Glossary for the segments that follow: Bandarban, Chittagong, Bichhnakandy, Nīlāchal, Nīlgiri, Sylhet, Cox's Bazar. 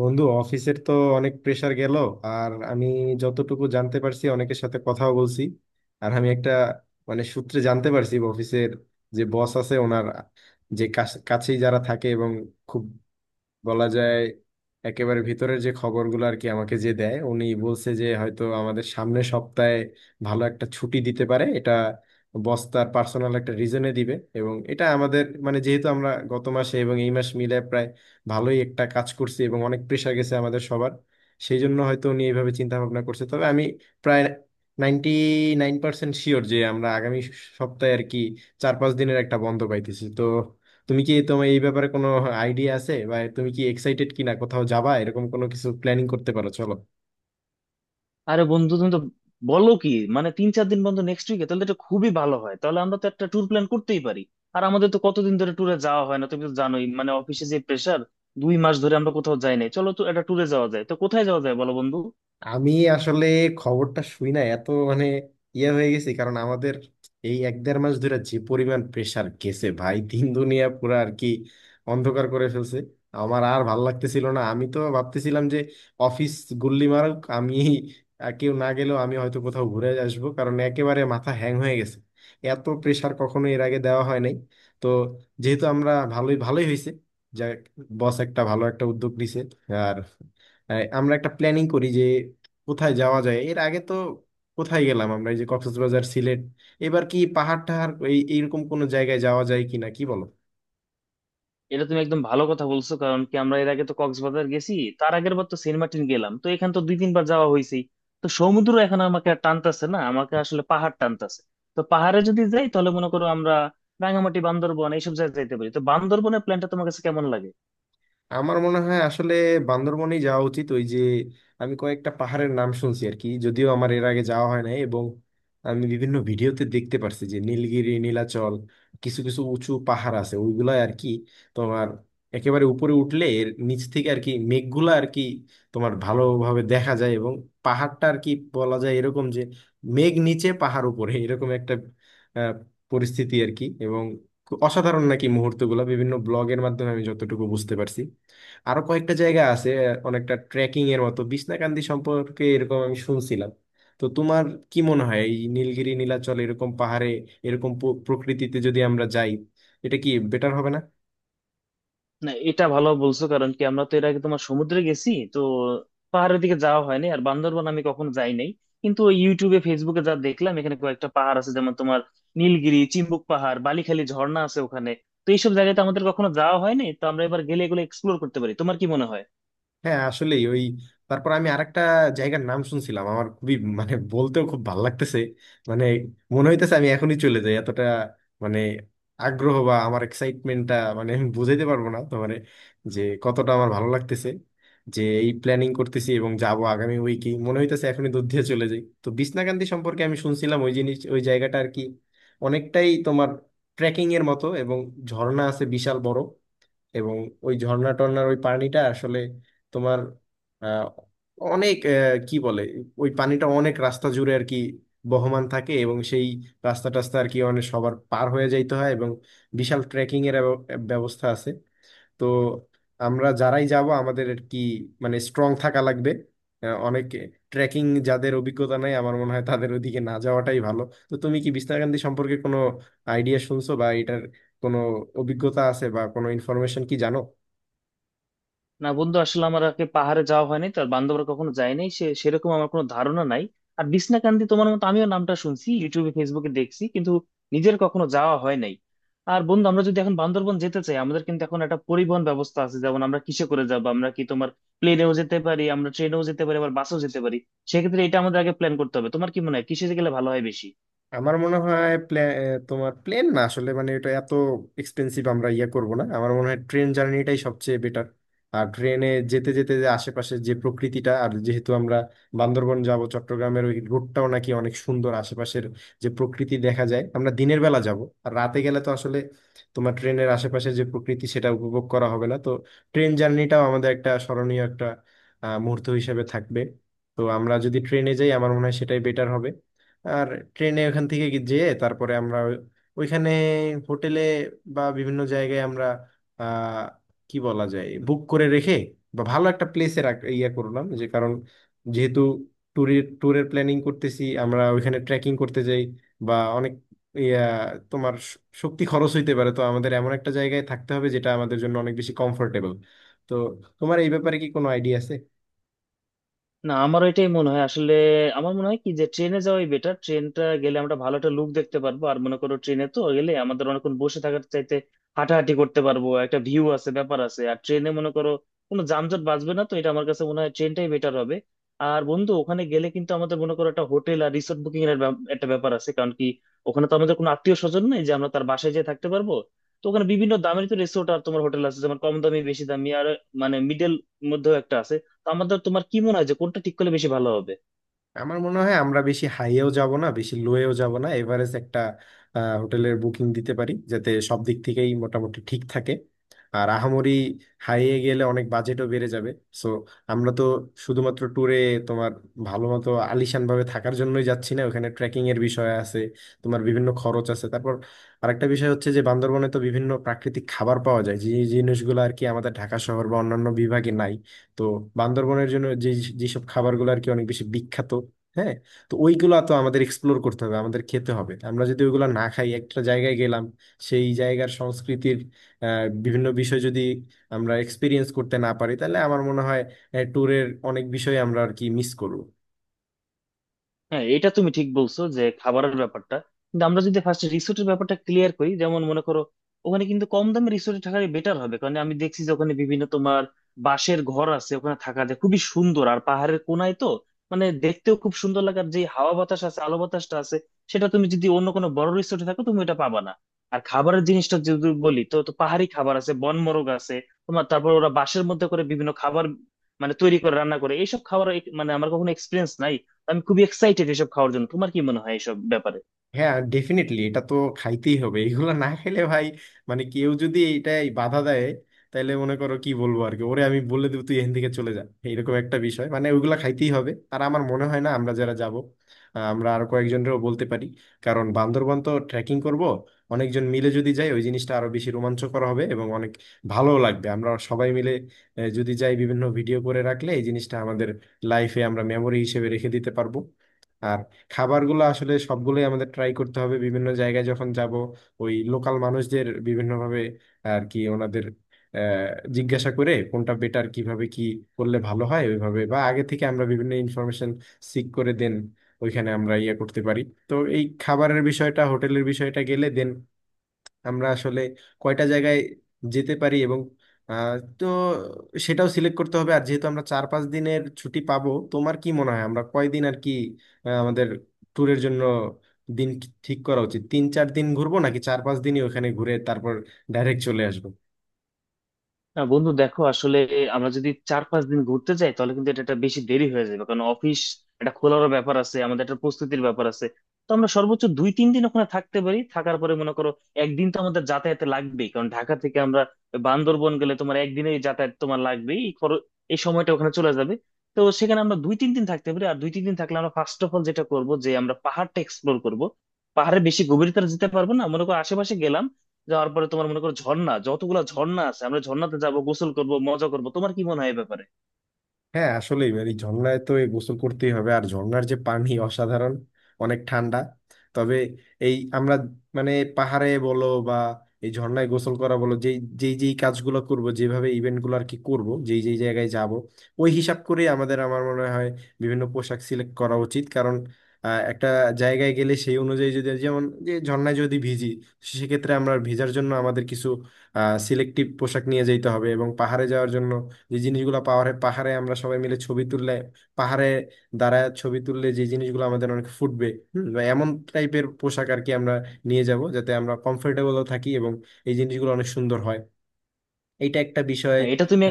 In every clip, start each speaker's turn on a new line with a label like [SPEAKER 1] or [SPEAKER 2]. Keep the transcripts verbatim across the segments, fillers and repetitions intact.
[SPEAKER 1] বন্ধু, অফিসের তো অনেক প্রেসার গেল। আর আমি যতটুকু জানতে পারছি, অনেকের সাথে কথাও বলছি। আর আমি একটা মানে সূত্রে জানতে পারছি, অফিসের যে বস আছে ওনার যে কাছ- কাছেই যারা থাকে এবং খুব, বলা যায়, একেবারে ভিতরের যে খবরগুলো আর কি আমাকে যে দেয়, উনি বলছে যে হয়তো আমাদের সামনের সপ্তাহে ভালো একটা ছুটি দিতে পারে। এটা বস তার পার্সোনাল একটা রিজনে দিবে, এবং এটা আমাদের মানে যেহেতু আমরা গত মাসে এবং এই মাস মিলে প্রায় ভালোই একটা কাজ করছি এবং অনেক প্রেশার গেছে আমাদের সবার, সেই জন্য হয়তো উনি এইভাবে চিন্তা ভাবনা করছে। তবে আমি প্রায় নাইনটি নাইন পার্সেন্ট শিওর যে আমরা আগামী সপ্তাহে আর কি চার পাঁচ দিনের একটা বন্ধ পাইতেছি। তো তুমি কি, তোমার এই ব্যাপারে কোনো আইডিয়া আছে, বা তুমি কি এক্সাইটেড কিনা, কোথাও যাবা এরকম কোনো কিছু প্ল্যানিং করতে পারো, চলো।
[SPEAKER 2] আরে বন্ধু, তুমি তো বলো কি, মানে তিন চার দিন বন্ধু নেক্সট উইকে তাহলে তো এটা খুবই ভালো হয়, তাহলে আমরা তো একটা ট্যুর প্ল্যান করতেই পারি। আর আমাদের তো কতদিন ধরে ট্যুরে যাওয়া হয় না, তুমি তো জানোই মানে অফিসে যে প্রেশার। দুই মাস ধরে আমরা কোথাও যাই নাই, চলো তো একটা ট্যুরে যাওয়া যায়, তো কোথায় যাওয়া যায় বলো বন্ধু।
[SPEAKER 1] আমি আসলে খবরটা শুই না এত, মানে ইয়ে হয়ে গেছি, কারণ আমাদের এই এক দেড় মাস ধরে যে পরিমাণ প্রেসার গেছে ভাই, দিন দুনিয়া পুরো আর কি অন্ধকার করে ফেলছে। আমার আর ভাল লাগতেছিল না, আমি তো ভাবতেছিলাম যে অফিস গুল্লি মারুক, আমি আর কেউ না গেলেও আমি হয়তো কোথাও ঘুরে আসবো, কারণ একেবারে মাথা হ্যাং হয়ে গেছে। এত প্রেসার কখনো এর আগে দেওয়া হয় নাই। তো যেহেতু আমরা ভালোই ভালোই হয়েছে যা, বস একটা ভালো একটা উদ্যোগ নিছে, আর আহ, আমরা একটা প্ল্যানিং করি যে কোথায় যাওয়া যায়। এর আগে তো কোথায় গেলাম আমরা, এই যে কক্সবাজার সিলেট, এবার কি পাহাড় টাহাড় এই এইরকম কোনো জায়গায় যাওয়া যায় কিনা, কি বলো।
[SPEAKER 2] এটা তুমি একদম ভালো কথা বলছো, কারণ কি আমরা এর আগে তো কক্সবাজার গেছি। তার আগের বার তো সেন্ট মার্টিন গেলাম, তো এখান তো দুই তিনবার যাওয়া হয়েছে। তো সমুদ্র এখন আমাকে আর টানতাছে না, আমাকে আসলে পাহাড় টানতাছে। তো পাহাড়ে যদি যাই তাহলে মনে করো আমরা রাঙামাটি, বান্দরবন এইসব জায়গায় যাইতে পারি, তো বান্দরবনের প্ল্যানটা তোমার কাছে কেমন লাগে?
[SPEAKER 1] আমার মনে হয় আসলে বান্দরবনেই যাওয়া উচিত। ওই যে আমি কয়েকটা পাহাড়ের নাম শুনছি আর কি, যদিও আমার এর আগে যাওয়া হয় নাই, এবং আমি বিভিন্ন ভিডিওতে দেখতে পারছি যে নীলগিরি, নীলাচল, কিছু কিছু উঁচু পাহাড় আছে ওইগুলা আর কি, তোমার একেবারে উপরে উঠলে এর নিচ থেকে আর কি মেঘগুলা আর কি তোমার ভালোভাবে দেখা যায়, এবং পাহাড়টা আর কি বলা যায় এরকম যে মেঘ নিচে পাহাড় উপরে এরকম একটা আহ, পরিস্থিতি আর কি। এবং অসাধারণ নাকি মুহূর্তগুলো, বিভিন্ন ব্লগের মাধ্যমে আমি যতটুকু বুঝতে পারছি। আরো কয়েকটা জায়গা আছে, অনেকটা ট্রেকিং এর মতো, বিছনাকান্দি সম্পর্কে এরকম আমি শুনছিলাম। তো তোমার কি মনে হয় এই নীলগিরি নীলাচল এরকম পাহাড়ে, এরকম প্র- প্রকৃতিতে যদি আমরা যাই, এটা কি বেটার হবে না?
[SPEAKER 2] না, এটা ভালো বলছো, কারণ কি আমরা তো এর আগে তোমার সমুদ্রে গেছি, তো পাহাড়ের দিকে যাওয়া হয়নি, আর বান্দরবান আমি কখনো যাই নাই। কিন্তু ওই ইউটিউবে ফেসবুকে যা দেখলাম এখানে কয়েকটা পাহাড় আছে, যেমন তোমার নীলগিরি, চিম্বুক পাহাড়, বালিখালি ঝর্ণা আছে ওখানে। তো এইসব জায়গাতে আমাদের কখনো যাওয়া হয়নি, তো আমরা এবার গেলে এগুলো এক্সপ্লোর করতে পারি, তোমার কি মনে হয়?
[SPEAKER 1] হ্যাঁ, আসলেই ওই। তারপর আমি আরেকটা জায়গার নাম শুনছিলাম, আমার খুবই মানে বলতেও খুব ভালো লাগতেছে। মানে মনে হইতেছে আমি এখনই চলে যাই, এতটা মানে আগ্রহ বা আমার এক্সাইটমেন্টটা, মানে আমি বুঝাইতে পারবো না তোমার যে কতটা আমার ভালো লাগতেছে যে এই প্ল্যানিং করতেছি এবং যাব আগামী উইকে। মনে হইতেছে এখনই দূর দিয়ে চলে যাই। তো বিছনাকান্দি সম্পর্কে আমি শুনছিলাম, ওই জিনিস ওই জায়গাটা আর কি অনেকটাই তোমার ট্রেকিং এর মতো, এবং ঝর্ণা আছে বিশাল বড়, এবং ওই ঝর্ণা টর্ণার ওই পানিটা আসলে তোমার আহ, অনেক আহ, কি বলে, ওই পানিটা অনেক রাস্তা জুড়ে আর কি বহমান থাকে, এবং সেই রাস্তা টাস্তা আর কি অনেক সবার পার হয়ে যাইতে হয়, এবং বিশাল ট্রেকিং এর ব্যব- ব্যবস্থা আছে। তো আমরা যারাই যাব আমাদের আর কি মানে স্ট্রং থাকা লাগবে। আহ, অনেক ট্রেকিং, যাদের অভিজ্ঞতা নাই, আমার মনে হয় তাদের ওদিকে না যাওয়াটাই ভালো। তো তুমি কি বিস্তারকান্দি সম্পর্কে কোনো আইডিয়া শুনছো, বা এটার কোনো অভিজ্ঞতা আছে, বা কোনো ইনফরমেশন কি জানো?
[SPEAKER 2] না বন্ধু, আসলে আমার আগে পাহাড়ে যাওয়া হয়নি, তার বান্ধবরা কখনো যায়নি সে, সেরকম আমার কোনো ধারণা নাই। আর বিছনাকান্দি তোমার মতো আমিও নামটা শুনছি, ইউটিউবে ফেসবুকে দেখছি, কিন্তু নিজের কখনো যাওয়া হয় নাই। আর বন্ধু আমরা যদি এখন বান্দরবন যেতে চাই, আমাদের কিন্তু এখন একটা পরিবহন ব্যবস্থা আছে, যেমন আমরা কিসে করে যাবো? আমরা কি তোমার প্লেনেও যেতে পারি, আমরা ট্রেনেও যেতে পারি, আবার বাসেও যেতে পারি। সেক্ষেত্রে এটা আমাদের আগে প্ল্যান করতে হবে, তোমার কি মনে হয় কিসে গেলে ভালো হয় বেশি?
[SPEAKER 1] আমার মনে হয় প্লে- তোমার প্লেন না, আসলে মানে এটা এত এক্সপেন্সিভ, আমরা ইয়ে করব না। আমার মনে হয় ট্রেন জার্নিটাই সবচেয়ে বেটার। আর ট্রেনে যেতে যেতে যে আশেপাশে যে প্রকৃতিটা, আর যেহেতু আমরা বান্দরবন যাব, চট্টগ্রামের ওই রুটটাও নাকি অনেক সুন্দর, আশেপাশের যে প্রকৃতি দেখা যায়। আমরা দিনের বেলা যাব, আর রাতে গেলে তো আসলে তোমার ট্রেনের আশেপাশে যে প্রকৃতি সেটা উপভোগ করা হবে না। তো ট্রেন জার্নিটাও আমাদের একটা স্মরণীয় একটা আহ, মুহূর্ত হিসেবে থাকবে। তো আমরা যদি ট্রেনে যাই আমার মনে হয় সেটাই বেটার হবে। আর ট্রেনে ওখান থেকে গি- যেয়ে তারপরে আমরা ওই- ওইখানে হোটেলে বা বিভিন্ন জায়গায় আমরা আহ কি বলা যায় বুক করে রেখে, বা ভালো একটা প্লেসে ইয়া করলাম, যে কারণ যেহেতু ট্যুরের ট্যুরের প্ল্যানিং করতেছি, আমরা ওইখানে ট্রেকিং করতে যাই বা অনেক ইয়া তোমার শ- শক্তি খরচ হইতে পারে, তো আমাদের এমন একটা জায়গায় থাকতে হবে যেটা আমাদের জন্য অনেক বেশি কমফোর্টেবল। তো তোমার এই ব্যাপারে কি কোনো আইডিয়া আছে?
[SPEAKER 2] না, আমার এটাই মনে হয়, আসলে আমার মনে হয় কি যে ট্রেনে যাওয়াই বেটার। ট্রেনটা গেলে আমরা ভালো একটা লুক দেখতে পারবো, আর মনে করো ট্রেনে তো গেলে আমাদের অনেকক্ষণ বসে থাকার চাইতে হাঁটাহাঁটি করতে পারবো, একটা ভিউ আছে, ব্যাপার আছে, আর ট্রেনে মনে করো কোনো যানজট বাঁচবে না, তো এটা আমার কাছে মনে হয় ট্রেনটাই বেটার হবে। আর বন্ধু ওখানে গেলে কিন্তু আমাদের মনে করো একটা হোটেল আর রিসোর্ট বুকিং এর ব্যাপ- একটা ব্যাপার আছে, কারণ কি ওখানে তো আমাদের কোনো আত্মীয় স্বজন নেই যে আমরা তার বাসায় যেয়ে থাকতে পারবো। তো ওখানে বিভিন্ন দামের তো রিসোর্ট আর তোমার হোটেল আছে, যেমন কম দামি, বেশি দামি, আর মানে মিডল মধ্যেও একটা আছে। তো আমাদের তোমার কি মনে হয় যে কোনটা ঠিক করলে বেশি ভালো হবে?
[SPEAKER 1] আমার মনে হয় আমরা বেশি হাইয়েও যাব না, বেশি লোয়েও যাব না, এভারেজ একটা আহ, হোটেলের বুকিং দিতে পারি যাতে সব দিক থেকেই মোটামুটি ঠিক থাকে। আর আহামরি হাইয়ে গেলে অনেক বাজেটও বেড়ে যাবে। সো আমরা তো শুধুমাত্র ট্যুরে তোমার ভালো মতো আলিশান ভাবে থাকার জন্যই যাচ্ছি না, ওখানে ট্রেকিং এর বিষয় আছে, তোমার বিভিন্ন খরচ আছে। তারপর আরেকটা বিষয় হচ্ছে যে বান্দরবনে তো বিভিন্ন প্রাকৃতিক খাবার পাওয়া যায়, যে জিনিসগুলো আর কি আমাদের ঢাকা শহর বা অন্যান্য বিভাগে নাই। তো বান্দরবনের জন্য যে যেসব খাবারগুলো আর কি অনেক বেশি বিখ্যাত, হ্যাঁ, তো ওইগুলা তো আমাদের এক্সপ্লোর করতে হবে, আমাদের খেতে হবে। আমরা যদি ওইগুলা না খাই, একটা জায়গায় গেলাম, সেই জায়গার সংস্কৃতির আহ, বিভিন্ন বিষয় যদি আমরা এক্সপিরিয়েন্স করতে না পারি, তাহলে আমার মনে হয় ট্যুরের অনেক বিষয় আমরা আর কি মিস করব।
[SPEAKER 2] হ্যাঁ, এটা তুমি ঠিক বলছো যে খাবারের ব্যাপারটা, কিন্তু আমরা যদি ফার্স্ট রিসোর্টের ব্যাপারটা ক্লিয়ার করি, যেমন মনে করো ওখানে কিন্তু কম দামে রিসোর্টে থাকাই বেটার হবে, কারণ আমি দেখছি যে ওখানে বিভিন্ন তোমার বাঁশের ঘর আছে, ওখানে থাকা যায় খুবই সুন্দর, আর পাহাড়ের কোনায় তো মানে দেখতেও খুব সুন্দর লাগে, আর যে হাওয়া বাতাস আছে, আলো বাতাসটা আছে, সেটা তুমি যদি অন্য কোনো বড় রিসোর্টে থাকো তুমি এটা পাবা না। আর খাবারের জিনিসটা যদি বলি তো, তো পাহাড়ি খাবার আছে, বনমোরগ আছে, তোমার, তারপর ওরা বাঁশের মধ্যে করে বিভিন্ন খাবার মানে তৈরি করে রান্না করে এইসব খাবার এক- মানে আমার কখনো এক্সপিরিয়েন্স নাই, আমি খুবই এক্সাইটেড এসব খাওয়ার জন্য, তোমার কি মনে হয় এসব ব্যাপারে?
[SPEAKER 1] হ্যাঁ, ডেফিনেটলি, এটা তো খাইতেই হবে, এগুলো না খেলে ভাই, মানে কেউ যদি এইটাই বাধা দেয়, তাহলে মনে করো কি বলবো আর কি, ওরে আমি বলে দেবো তুই এখান থেকে চলে যা, এইরকম একটা বিষয়। মানে ওইগুলা খাইতেই হবে। আর আমার মনে হয় না, আমরা যারা যাব, আমরা আর কয়েকজনেরও বলতে পারি, কারণ বান্দরবান তো ট্রেকিং করব, অনেকজন মিলে যদি যাই ওই জিনিসটা আরো বেশি রোমাঞ্চকর হবে, এবং অনেক ভালোও লাগবে। আমরা সবাই মিলে আহ, যদি যাই, বিভিন্ন ভিডিও করে রাখলে এই জিনিসটা আমাদের লাইফে আমরা মেমরি হিসেবে রেখে দিতে পারবো। আর খাবারগুলো আসলে সবগুলোই আমাদের ট্রাই করতে হবে। বিভিন্ন জায়গায় যখন যাব, ওই লোকাল মানুষদের বিভিন্নভাবে আর কি ওনাদের আহ, জিজ্ঞাসা করে কোনটা বেটার, কিভাবে কি করলে ভালো হয়, ওইভাবে, বা আগে থেকে আমরা বিভিন্ন ইনফরমেশন সিক করে দেন ওইখানে আমরা ইয়ে করতে পারি। তো এই খাবারের বিষয়টা, হোটেলের বিষয়টা গেলে দেন আমরা আসলে কয়টা জায়গায় যেতে পারি, এবং আহ, তো সেটাও সিলেক্ট করতে হবে। আর যেহেতু আমরা চার পাঁচ দিনের ছুটি পাবো, তোমার কি মনে হয় আমরা কয়দিন আর কি আহ, আমাদের ট্যুরের জন্য দিন ঠিক করা উচিত? তিন চার দিন ঘুরবো, নাকি চার পাঁচ দিনই ওখানে ঘুরে তারপর ডাইরেক্ট চলে আসবো?
[SPEAKER 2] না বন্ধু দেখো, আসলে আমরা যদি চার পাঁচ দিন ঘুরতে যাই তাহলে কিন্তু এটা একটা বেশি দেরি হয়ে যাবে, কারণ অফিস একটা খোলারও ব্যাপার আছে, আমাদের একটা প্রস্তুতির ব্যাপার আছে। তো আমরা সর্বোচ্চ দুই তিন দিন ওখানে থাকতে পারি, থাকার পরে মনে করো একদিন তো আমাদের যাতায়াতে লাগবেই, কারণ ঢাকা থেকে আমরা বান্দরবন গেলে তোমার একদিনেই যাতায়াত তোমার লাগবেই, এই খরচ এই সময়টা ওখানে চলে যাবে। তো সেখানে আমরা দুই তিন দিন থাকতে পারি, আর দুই তিন দিন থাকলে আমরা ফার্স্ট অফ অল যেটা করব যে আমরা পাহাড়টা এক্সপ্লোর করব। পাহাড়ে বেশি গভীরতা যেতে পারবো না, মনে করো আশেপাশে গেলাম, যাওয়ার পরে তোমার মনে করো ঝর্ণা, যতগুলা ঝর্ণা আছে আমরা ঝর্ণাতে যাব, গোসল করব, মজা করব, তোমার কি মনে হয় এই ব্যাপারে?
[SPEAKER 1] হ্যাঁ আসলে, এই ঝর্ণায় তো এই গোসল করতেই হবে, আর ঝর্ণার যে পানি অসাধারণ, অনেক ঠান্ডা। তবে এই আমরা মানে পাহাড়ে বলো বা এই ঝর্ণায় গোসল করা বলো, যেই যেই যেই কাজগুলো করব, যেভাবে ইভেন্টগুলো আর কি করব, যেই যেই জায়গায় যাব, ওই হিসাব করে আমাদের আমার মনে হয় বিভিন্ন পোশাক সিলেক্ট করা উচিত, কারণ আহ, একটা জায়গায় গেলে সেই অনুযায়ী যদি যেমন যে ঝর্ণায় যদি ভিজি, সেক্ষেত্রে আমরা ভিজার জন্য আমাদের কিছু সিলেক্টিভ পোশাক নিয়ে যেতে হবে। এবং পাহাড়ে যাওয়ার জন্য যে জিনিসগুলো, পাহাড়ে পাহাড়ে আমরা সবাই মিলে ছবি তুললে, পাহাড়ে দাঁড়ায় ছবি তুললে যে জিনিসগুলো আমাদের অনেক ফুটবে, হুম, বা এমন টাইপের পোশাক আর কি আমরা নিয়ে যাব যাতে আমরা কমফোর্টেবলও থাকি এবং এই জিনিসগুলো অনেক সুন্দর হয়। এইটা একটা বিষয়।
[SPEAKER 2] না এটা তুমি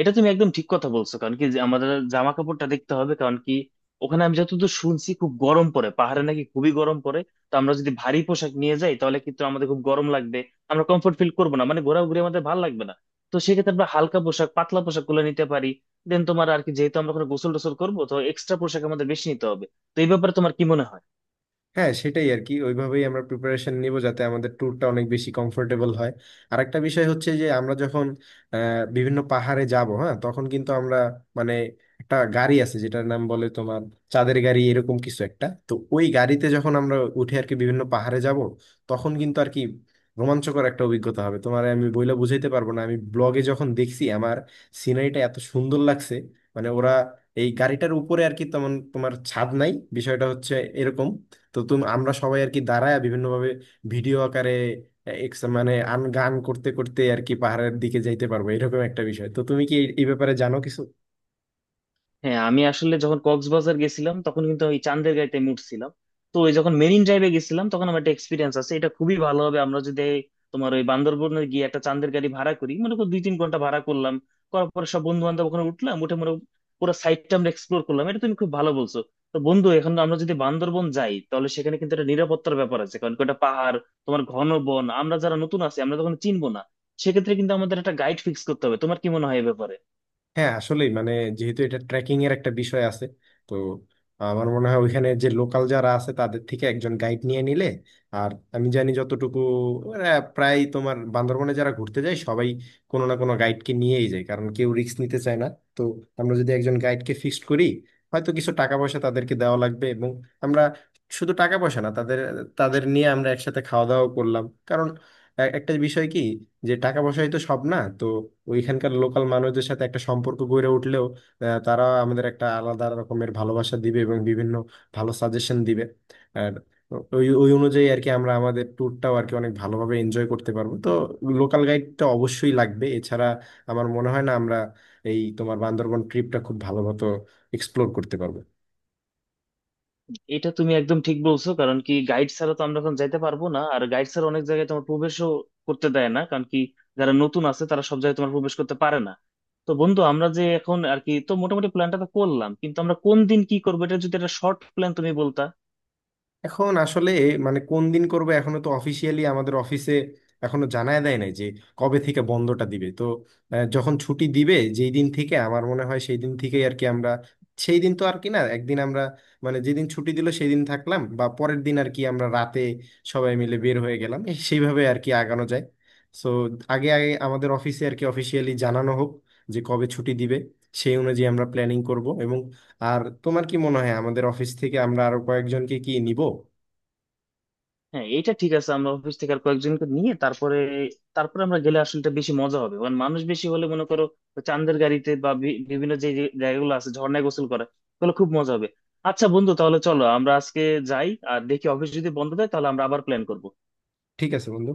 [SPEAKER 2] এটা তুমি একদম ঠিক কথা বলছো, কারণ কি যে আমাদের জামা কাপড়টা দেখতে হবে, কারণ কি ওখানে আমি যতদূর শুনছি খুব গরম পড়ে, পাহাড়ে নাকি খুবই গরম পড়ে। তো আমরা যদি ভারী পোশাক নিয়ে যাই তাহলে কিন্তু আমাদের খুব গরম লাগবে, আমরা কমফোর্ট ফিল করবো না, মানে ঘোরাঘুরি আমাদের ভালো লাগবে না। তো সেক্ষেত্রে আমরা হালকা পোশাক, পাতলা পোশাক গুলো নিতে পারি, দেন তোমার আর কি যেহেতু আমরা ওখানে গোসল টোসল করবো, তো এক্সট্রা পোশাক আমাদের বেশি নিতে হবে। তো এই ব্যাপারে তোমার কি মনে হয়?
[SPEAKER 1] হ্যাঁ সেটাই আর কি, ওইভাবেই আমরা প্রিপারেশন নিব যাতে আমাদের ট্যুরটা অনেক বেশি কমফোর্টেবল হয়। আর একটা বিষয় হচ্ছে যে আমরা যখন আহ, বিভিন্ন পাহাড়ে যাব, হ্যাঁ, তখন কিন্তু আমরা মানে একটা গাড়ি আছে যেটার নাম বলে তোমার চাঁদের গাড়ি, এরকম কিছু একটা। তো ওই গাড়িতে যখন আমরা উঠে আর কি বিভিন্ন পাহাড়ে যাব, তখন কিন্তু আর কি রোমাঞ্চকর একটা অভিজ্ঞতা হবে তোমার, আমি বইলে বুঝাইতে পারবো না। আমি ব্লগে যখন দেখছি আমার সিনারিটা এত সুন্দর লাগছে, মানে ওরা এই গাড়িটার উপরে আর কি তেমন তোমার ছাদ নাই বিষয়টা হচ্ছে এরকম। তো তুমি, আমরা সবাই আর কি দাঁড়ায় বিভিন্নভাবে ভিডিও আকারে এক্স মানে আন গান করতে করতে আর কি পাহাড়ের দিকে যাইতে পারবো, এরকম একটা বিষয়। তো তুমি কি এই এই ব্যাপারে জানো কিছু?
[SPEAKER 2] হ্যাঁ, আমি আসলে যখন কক্সবাজার গেছিলাম তখন কিন্তু ওই চান্দের গাঁইতে মুড়ছিলাম, তো ওই যখন মেরিন ড্রাইভে গেছিলাম তখন আমার একটা এক্সপিরিয়েন্স আছে। এটা খুবই ভালো হবে আমরা যদি তোমার ওই বান্দরবনে গিয়ে একটা চান্দের গাড়ি ভাড়া করি, মনে করো দুই তিন ঘন্টা ভাড়া করলাম, করার পরে সব বন্ধু বান্ধব ওখানে উঠলাম, উঠে মনে করো পুরো সাইডটা আমরা এক্সপ্লোর করলাম, এটা তুমি খুব ভালো বলছো। তো বন্ধু এখন আমরা যদি বান্দরবন যাই তাহলে সেখানে কিন্তু একটা নিরাপত্তার ব্যাপার আছে, কারণ কি ওটা পাহাড়, তোমার ঘন বন, আমরা যারা নতুন আছি আমরা তখন চিনবো না। সেক্ষেত্রে কিন্তু আমাদের একটা গাইড ফিক্স করতে হবে, তোমার কি মনে হয় এ ব্যাপারে?
[SPEAKER 1] হ্যাঁ আসলেই মানে, যেহেতু এটা ট্রেকিং এর একটা বিষয় আছে, তো আমার মনে হয় ওইখানে যে লোকাল যারা আছে, তাদের থেকে একজন গাইড নিয়ে নিলে। আর আমি জানি যতটুকু, ওরা প্রায় তোমার বান্দরবনে যারা ঘুরতে যায় সবাই কোনো না কোনো গাইডকে নিয়েই যায়, কারণ কেউ রিস্ক নিতে চায় না। তো আমরা যদি একজন গাইডকে ফিক্সড করি, হয়তো কিছু টাকা পয়সা তাদেরকে দেওয়া লাগবে। এবং আমরা শুধু টাকা পয়সা না, তাদের, তাদের নিয়ে আমরা একসাথে খাওয়া দাওয়া করলাম, এ- একটা বিষয় কি যে টাকা পয়সাই তো সব না। তো ওইখানকার লোকাল মানুষদের সাথে একটা সম্পর্ক গড়ে উঠলেও আহ, তারা আমাদের একটা আলাদা রকমের ভালোবাসা দিবে এবং বিভিন্ন ভালো সাজেশন দিবে। আর ওই ওই অনুযায়ী আর কি আমরা আমাদের ট্যুরটাও আর কি অনেক ভালোভাবে এনজয় করতে পারবো। তো লোকাল গাইডটা অবশ্যই লাগবে, এছাড়া আমার মনে হয় না আমরা এই তোমার বান্দরবন ট্রিপটা খুব ভালো মতো এক্সপ্লোর করতে পারবো।
[SPEAKER 2] এটা তুমি একদম ঠিক বলছো, কারণ কি গাইড ছাড়া তো আমরা এখন যাইতে পারবো না, আর গাইড ছাড়া অনেক জায়গায় তোমার প্রবেশও করতে দেয় না, কারণ কি যারা নতুন আছে তারা সব জায়গায় তোমার প্রবেশ করতে পারে না। তো বন্ধু আমরা যে এখন আর কি তো মোটামুটি প্ল্যানটা তো করলাম, কিন্তু আমরা কোন দিন কি করবো এটা যদি একটা শর্ট প্ল্যান তুমি বলতা।
[SPEAKER 1] এখন আসলে মানে কোন দিন করবে, এখনো তো অফিসিয়ালি আমাদের অফিসে এখনো জানায় দেয় নাই যে কবে থেকে বন্ধটা দিবে। তো আহ, যখন ছুটি দিবে, যেই দিন থেকে, আমার মনে হয় সেই দিন থেকেই আর কি আমরা, সেই দিন তো আর কি না, একদিন আমরা মানে যেদিন ছুটি দিল সেই দিন থাকলাম, বা পরের দিন আর কি আমরা রাতে সবাই মিলে বের হয়ে গেলাম, এই সেইভাবে আর কি আগানো যায়। সো আগে আগে আমাদের অফিসে আর কি অফিসিয়ালি জানানো হোক যে কবে ছুটি দিবে, সেই অনুযায়ী আমরা প্ল্যানিং করব। আর তোমার কি মনে হয়, আমাদের অফিস থেকে আমরা আরো কয়েকজনকে কি নিব?
[SPEAKER 2] হ্যাঁ এটা ঠিক আছে, আমরা অফিস থেকে আর কয়েকজনকে নিয়ে তারপরে তারপরে আমরা গেলে আসলে এটা বেশি মজা হবে, কারণ মানুষ বেশি হলে মনে করো চাঁদের গাড়িতে বা বি- বিভিন্ন যে যে জায়গাগুলো আছে, ঝর্ণায় গোসল করা, তাহলে খুব মজা হবে। আচ্ছা বন্ধু, তাহলে চলো আমরা আজকে যাই, আর দেখি অফিস যদি বন্ধ থাকে তাহলে আমরা আবার প্ল্যান করবো।
[SPEAKER 1] ঠিক আছে বন্ধু।